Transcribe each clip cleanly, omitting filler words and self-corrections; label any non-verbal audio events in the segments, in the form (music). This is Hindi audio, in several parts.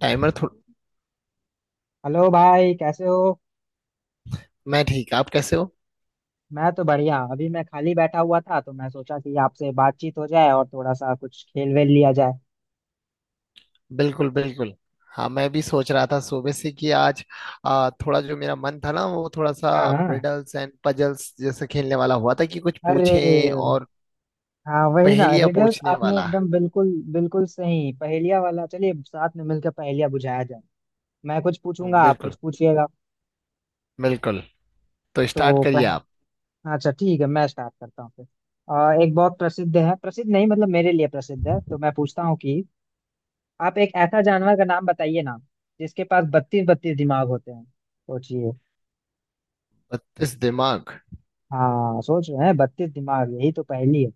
टाइमर थोड़ा। हेलो भाई कैसे हो? मैं ठीक, आप कैसे हो? मैं तो बढ़िया। अभी मैं खाली बैठा हुआ था तो मैं सोचा कि आपसे बातचीत हो जाए और थोड़ा सा कुछ खेल वेल लिया जाए। बिल्कुल बिल्कुल। हाँ, मैं भी सोच रहा था सुबह से कि आज थोड़ा जो मेरा मन था ना वो थोड़ा सा हाँ हाँ। रिडल्स एंड पजल्स जैसे खेलने वाला हुआ था कि कुछ अरे। पूछें और हाँ वही ना, पहेलियां रिडल्स। पूछने आपने वाला। एकदम बिल्कुल बिल्कुल सही, पहेलिया वाला। चलिए साथ में मिलकर पहेलिया बुझाया जाए। मैं कुछ पूछूंगा, आप कुछ बिल्कुल पूछिएगा। बिल्कुल। तो स्टार्ट तो करिए पह... आप। अच्छा ठीक है, मैं स्टार्ट करता हूँ फिर। एक बहुत प्रसिद्ध है, प्रसिद्ध नहीं, मतलब मेरे लिए प्रसिद्ध है, तो मैं पूछता हूँ कि आप एक ऐसा जानवर का नाम बताइए ना जिसके पास 32 32 दिमाग होते हैं। सोचिए। बत्तीस दिमाग? हाँ, सोच रहे हैं 32 दिमाग, यही तो पहेली है।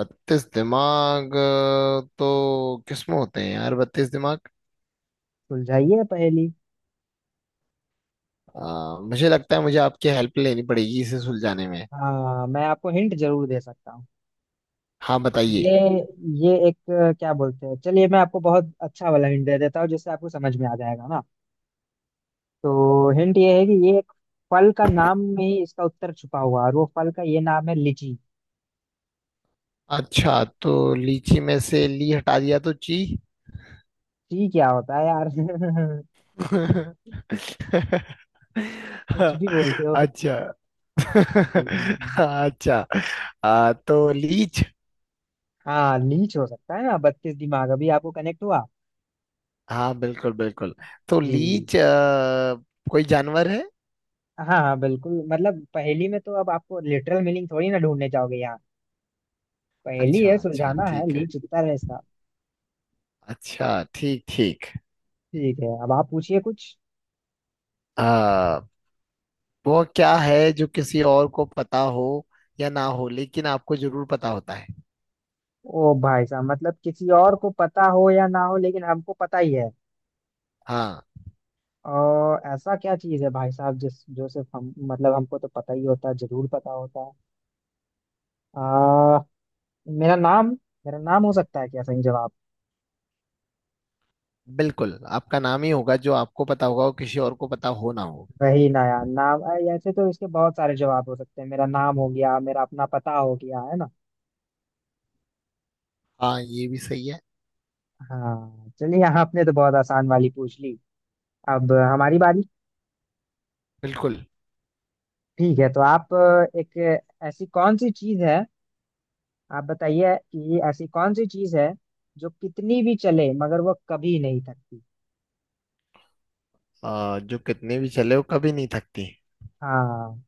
बत्तीस दिमाग, तो किसमें होते हैं यार बत्तीस दिमाग? सुलझाइए पहेली। मुझे लगता है मुझे आपकी हेल्प लेनी पड़ेगी इसे सुलझाने में। हाँ, मैं आपको हिंट जरूर दे सकता हूँ। हाँ ये बताइए। ये एक, क्या बोलते हैं, चलिए मैं आपको बहुत अच्छा वाला हिंट दे देता हूँ जिससे आपको समझ में आ जाएगा ना। तो हिंट ये है कि ये एक फल का नाम में ही इसका उत्तर छुपा हुआ है और वो फल का ये नाम है लीची। अच्छा, तो लीची में से ली हटा दिया तो ची। ची क्या होता है यार। (laughs) (laughs) कुछ भी बोलते हो। अच्छा। जी जी जी। (laughs) अच्छा, तो लीच। हाँ लीच हो सकता है ना, 32 दिमाग, अभी आपको कनेक्ट हुआ। हाँ बिल्कुल बिल्कुल। तो जी। लीच कोई जानवर है? हाँ हाँ बिल्कुल, मतलब पहेली में तो अब आपको लिटरल मीनिंग थोड़ी ना ढूंढने जाओगे यहाँ। पहेली अच्छा है, अच्छा सुलझाना है, ठीक ली है। चुकता है इसका। अच्छा ठीक ठीक। ठीक है, अब आप पूछिए कुछ। आ, वो क्या है जो किसी और को पता हो या ना हो, लेकिन आपको जरूर पता होता है? ओ भाई साहब, मतलब किसी और को पता हो या ना हो लेकिन हमको पता ही है। हाँ, और ऐसा क्या चीज है भाई साहब, जिस जो सिर्फ हम, मतलब हमको तो पता ही होता है, जरूर पता होता है। आ, मेरा नाम। मेरा नाम हो सकता है क्या, सही जवाब? बिल्कुल आपका नाम ही होगा जो आपको पता होगा और किसी और को पता हो ना हो। वही ना यार, नाम, ऐसे तो इसके बहुत सारे जवाब हो सकते हैं, मेरा नाम हो गया, मेरा अपना पता हो गया, है ना। हाँ ये भी सही है। हाँ चलिए, यहाँ आपने तो बहुत आसान वाली पूछ ली। अब हमारी बारी। बिल्कुल। ठीक है, तो आप, एक ऐसी कौन सी चीज है, आप बताइए कि ऐसी कौन सी चीज है जो कितनी भी चले मगर वो कभी नहीं थकती। जो कितने भी चले वो कभी नहीं थकती? हाँ।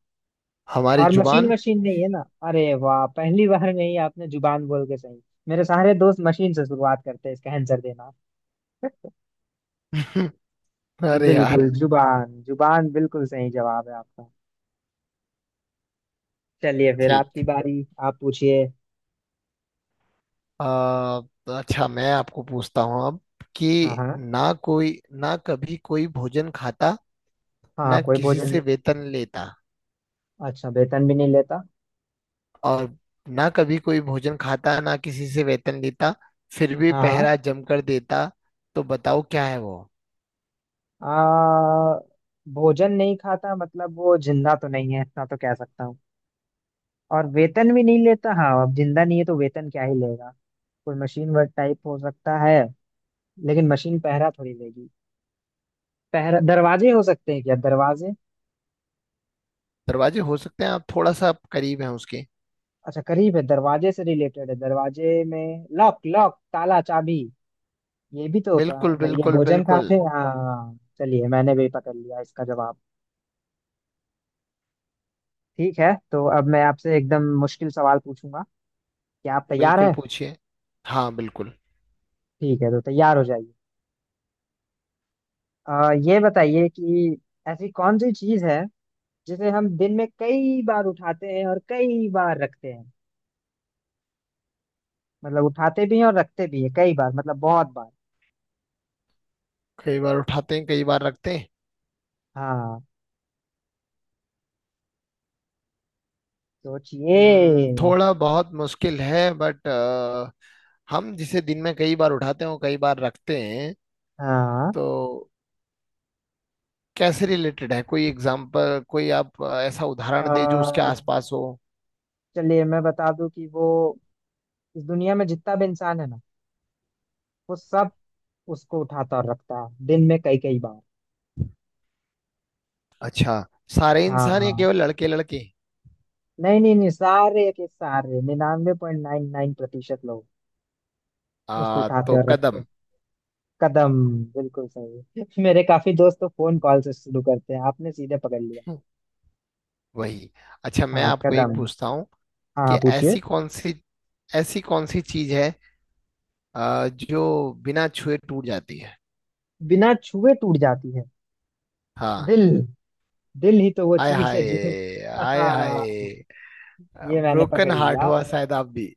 हमारी और मशीन जुबान। मशीन नहीं है ना, अरे वाह, पहली बार में ही आपने जुबान बोल के सही। मेरे सारे दोस्त मशीन से शुरुआत करते हैं इसका आंसर देना। (laughs) (laughs) जी अरे बिल्कुल, यार। जुबान जुबान, बिल्कुल सही जवाब है आपका। चलिए फिर ठीक। आपकी बारी, आप पूछिए। आ, अच्छा मैं आपको पूछता हूँ अब हाँ कि हाँ ना कोई ना कभी कोई भोजन खाता, हाँ। ना कोई किसी भोजन से नहीं। वेतन लेता अच्छा, वेतन भी नहीं लेता। और ना कभी कोई भोजन खाता ना किसी से वेतन लेता, फिर भी हाँ हाँ। पहरा जमकर देता। तो बताओ क्या है वो? आ, भोजन नहीं खाता मतलब वो जिंदा तो नहीं है, इतना तो कह सकता हूँ। और वेतन भी नहीं लेता, हाँ अब जिंदा नहीं है तो वेतन क्या ही लेगा। कोई मशीन वर्क टाइप हो सकता है, लेकिन मशीन पहरा थोड़ी लेगी। पहरा, दरवाजे हो सकते हैं क्या, दरवाजे। दरवाजे हो सकते हैं, आप थोड़ा सा आप करीब हैं उसके। अच्छा करीब है, दरवाजे से रिलेटेड है, दरवाजे में लॉक लॉक, ताला, चाबी। ये भी तो होता बिल्कुल है, नहीं ये बिल्कुल भोजन बिल्कुल। खाते हैं, हाँ चलिए मैंने भी पकड़ लिया इसका जवाब। ठीक है तो अब मैं आपसे एकदम मुश्किल सवाल पूछूंगा, क्या आप तैयार बिल्कुल है? पूछिए। हाँ बिल्कुल। ठीक है तो तैयार हो जाइए। ये बताइए कि ऐसी कौन सी चीज है जिसे हम दिन में कई बार उठाते हैं और कई बार रखते हैं, मतलब उठाते भी हैं और रखते भी हैं कई बार, मतलब बहुत बार। कई बार उठाते हैं कई बार रखते हैं? हाँ। सोचिए। थोड़ा बहुत मुश्किल है बट हम जिसे दिन में कई बार उठाते हैं और कई बार रखते हैं, हाँ, तो कैसे रिलेटेड है? कोई एग्जाम्पल, कोई आप ऐसा अ, उदाहरण दे जो उसके आसपास हो। चलिए मैं बता दूं कि वो इस दुनिया में जितना भी इंसान है ना, वो सब उसको उठाता और रखता है दिन में कई कई बार। अच्छा, सारे इंसान या हाँ। केवल लड़के लड़के? नहीं नहीं नहीं, सारे के सारे 99.99% उसको उठाते तो और रखते कदम। हैं। कदम, बिल्कुल सही। (laughs) मेरे काफी दोस्त तो फोन कॉल से शुरू करते हैं, आपने सीधे पकड़ लिया। हम्म, वही। अच्छा मैं हाँ आपको एक कदम। पूछता हूँ हाँ कि हाँ, पूछिए। ऐसी कौन सी चीज है जो बिना छुए टूट जाती है? बिना छुए टूट जाती है, हाँ। दिल। दिल ही तो वो आय चीज है हाय, जिसे। (laughs) आय हाँ, हाय। ये मैंने ब्रोकन पकड़ हार्ट लिया। हुआ शायद आप भी।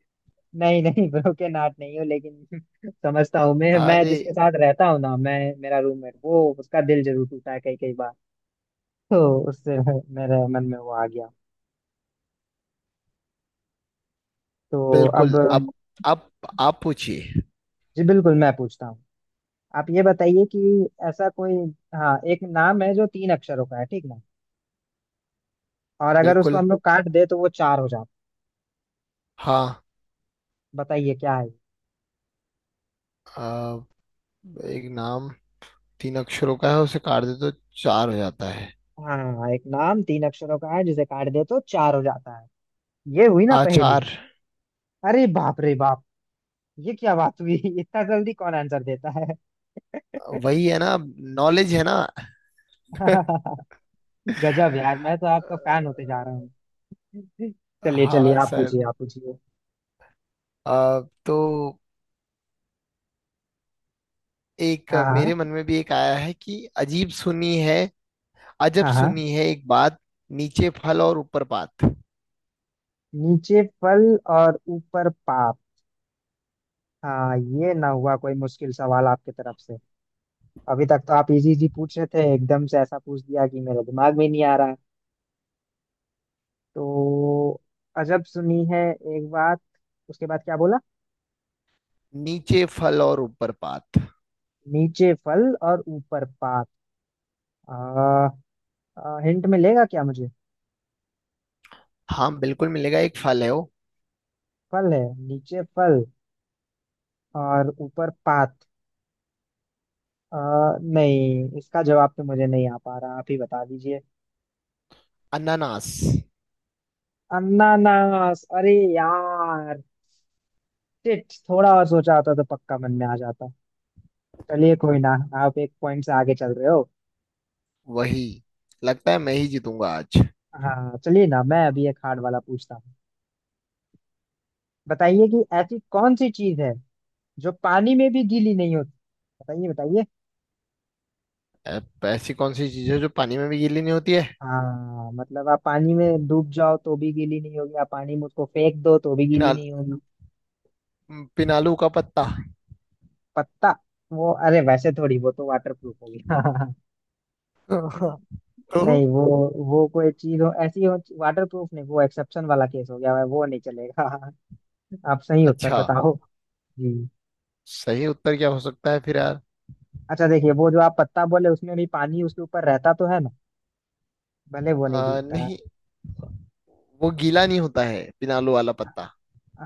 नहीं नहीं, ब्रोकन हार्ट नहीं हूँ लेकिन, (laughs) समझता हूँ मैं। मैं अरे। जिसके साथ रहता हूँ ना, मैं, मेरा रूममेट, वो उसका दिल जरूर टूटा है कई कई बार। तो उससे मेरे मन में वो आ गया। तो अब, बिल्कुल। अब आप पूछिए। जी बिल्कुल मैं पूछता हूँ। आप ये बताइए कि ऐसा कोई, हाँ एक नाम है जो तीन अक्षरों का है, ठीक ना, और अगर उसको बिल्कुल। हम लोग काट दे तो वो चार हो जाता हाँ। है, बताइए क्या है ये? अ, एक नाम तीन अक्षरों का है, उसे काट दे तो चार हो जाता है? हाँ एक नाम तीन अक्षरों का है जिसे काट दे तो चार हो जाता है, ये हुई ना पहेली। आचार। अरे बाप रे बाप, ये क्या बात हुई। (laughs) इतना जल्दी कौन आंसर देता है। (laughs) वही है ना, नॉलेज है ना। गजब यार, मैं तो आपका फैन होते जा रहा हूँ। चलिए चलिए, हाँ आप सर। पूछिए आप पूछिए। अ, तो एक हाँ हाँ मेरे मन में भी एक आया है कि अजीब सुनी है। अजब हाँ हाँ। सुनी है एक बात, नीचे फल और ऊपर पात। नीचे फल और ऊपर पाप। हाँ ये ना हुआ कोई मुश्किल सवाल आपकी तरफ से। अभी तक तो आप इजी इजी पूछ रहे थे, एकदम से ऐसा पूछ दिया कि मेरे दिमाग में नहीं आ रहा है। तो, अजब सुनी है एक बात, उसके बाद क्या बोला? नीचे फल और ऊपर पात। नीचे फल और ऊपर पात। आ, हिंट मिलेगा क्या मुझे? हाँ बिल्कुल मिलेगा, एक फल है वो। फल है, नीचे फल और ऊपर पात। आ, नहीं इसका जवाब तो मुझे नहीं आ पा रहा, आप ही बता दीजिए। अनानास। अनानास? अरे यार, शिट, थोड़ा और सोचा होता तो पक्का मन में आ जाता। चलिए कोई ना, आप एक पॉइंट से आगे चल रहे हो। वही। लगता है मैं ही जीतूंगा आज। हाँ चलिए ना, मैं अभी एक हार्ड वाला पूछता हूँ। बताइए कि ऐसी कौन सी चीज है जो पानी में भी गीली नहीं होती, बताइए बताइए। ऐ- ऐसी कौन सी चीज है जो पानी में भी गीली नहीं होती है? हाँ मतलब आप पानी में डूब जाओ तो भी गीली नहीं होगी, आप पानी में उसको फेंक दो तो भी गीली पिनाल नहीं होगी। पिनालू का पत्ता। पत्ता? वो अरे, वैसे थोड़ी, वो तो वाटर प्रूफ होगी। (laughs) (laughs) तो नहीं वो कोई चीज हो ऐसी हो, वाटर प्रूफ नहीं, वो एक्सेप्शन वाला केस हो गया, वो नहीं चलेगा। (laughs) आप सही उत्तर अच्छा, बताओ। जी। सही उत्तर क्या हो सकता है फिर यार? अच्छा देखिए, वो जो आप पत्ता बोले उसमें भी पानी उसके ऊपर रहता तो है ना, भले वो नहीं भीगता है। नहीं, वो गीला नहीं होता है पिनालू वाला पत्ता।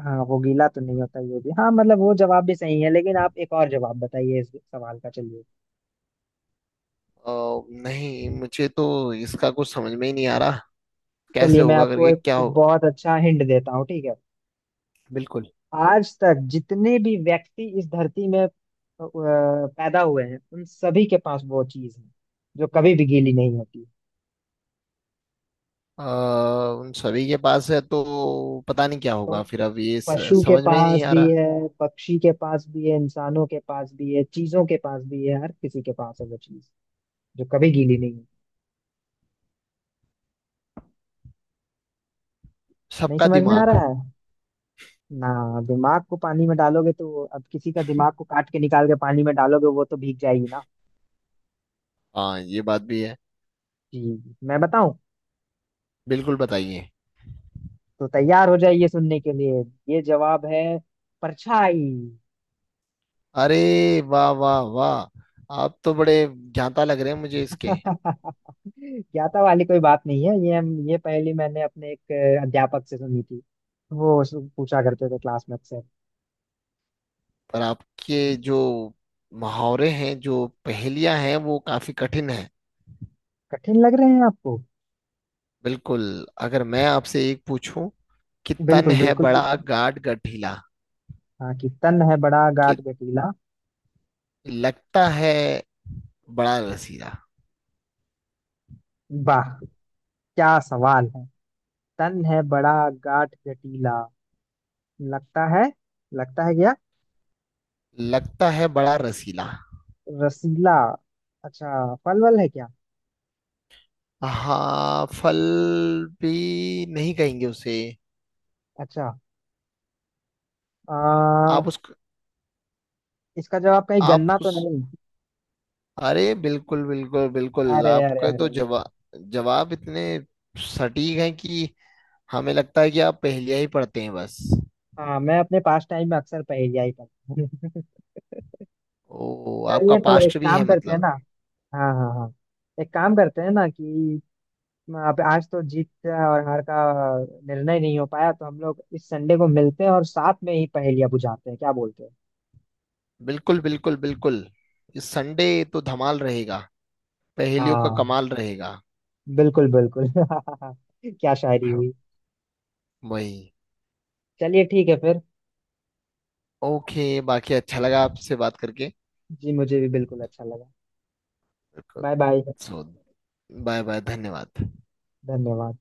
हाँ वो गीला तो नहीं होता, ये भी, हाँ मतलब वो जवाब भी सही है, लेकिन आप एक और जवाब बताइए इस सवाल का, चलिए। आ, नहीं मुझे तो इसका कुछ समझ में ही नहीं आ रहा, कैसे चलिए मैं होगा आपको करके एक क्या होगा। बहुत अच्छा हिंट देता हूँ, ठीक है। बिल्कुल। आज तक जितने भी व्यक्ति इस धरती में पैदा हुए हैं, उन सभी के पास वो चीज है जो कभी भी गीली नहीं होती। आ, उन सभी के पास है तो पता नहीं क्या तो होगा फिर, अब ये पशु के समझ में ही नहीं पास आ भी रहा। है, पक्षी के पास भी है, इंसानों के पास भी है, चीजों के पास भी है, हर किसी के पास है वो चीज जो कभी गीली नहीं है। नहीं सबका समझ में आ दिमाग। रहा है ना। दिमाग को पानी में डालोगे तो, अब किसी का दिमाग को काट के निकाल के पानी में डालोगे वो तो भीग जाएगी ना। हाँ ये बात भी है। जी मैं बताऊं? बिल्कुल बताइए। तो तैयार हो जाइए सुनने के लिए, ये जवाब है, परछाई। अरे वाह वाह वाह, आप तो बड़े ज्ञाता लग रहे हैं मुझे इसके। (laughs) ज्ञाता वाली कोई बात नहीं है, ये हम, ये पहेली मैंने अपने एक अध्यापक से सुनी थी। वो पूछा करते थे क्लास में अक्सर। पर आपके जो मुहावरे हैं जो पहेलियां हैं वो काफी कठिन हैं। कठिन लग रहे हैं आपको? बिल्कुल। अगर मैं आपसे एक पूछूं कि तन बिल्कुल है बिल्कुल। बड़ा गाढ़ गठीला, हाँ, कि तन है बड़ा कि गाट गठीला। लगता है बड़ा रसीला। वाह, क्या सवाल है। तन है बड़ा, गाठ जटीला, लगता है, लगता है क्या? लगता है बड़ा रसीला। रसीला। अच्छा, फल वल है क्या? हाँ फल भी नहीं कहेंगे उसे। अच्छा, आ, आप उस इसका जवाब कहीं आप गन्ना तो उस, नहीं? अरे बिल्कुल बिल्कुल बिल्कुल, अरे अरे आपका अरे तो अरे। जवाब, जवाब इतने सटीक हैं कि हमें लगता है कि आप पहेलियां ही पढ़ते हैं बस। हाँ मैं अपने पास टाइम में अक्सर पहेलिया ही पढ़ता हूँ। ओ, (laughs) आपका चलिए तो एक पास्ट भी काम है करते हैं ना। मतलब। हाँ हाँ हाँ। एक काम करते हैं ना कि, अब आज तो जीत और हार का निर्णय नहीं हो पाया, तो हम लोग इस संडे को मिलते हैं और साथ में ही पहेलियां बुझाते हैं, क्या बोलते हैं? बिल्कुल बिल्कुल बिल्कुल। इस संडे तो धमाल रहेगा, पहेलियों का हाँ कमाल रहेगा। बिल्कुल बिल्कुल। (laughs) क्या शायरी हुई। वही। चलिए ठीक है फिर। ओके, बाकी अच्छा लगा आपसे बात करके। जी मुझे भी बिल्कुल अच्छा लगा। Bye bye. So bye bye, धन्यवाद। धन्यवाद।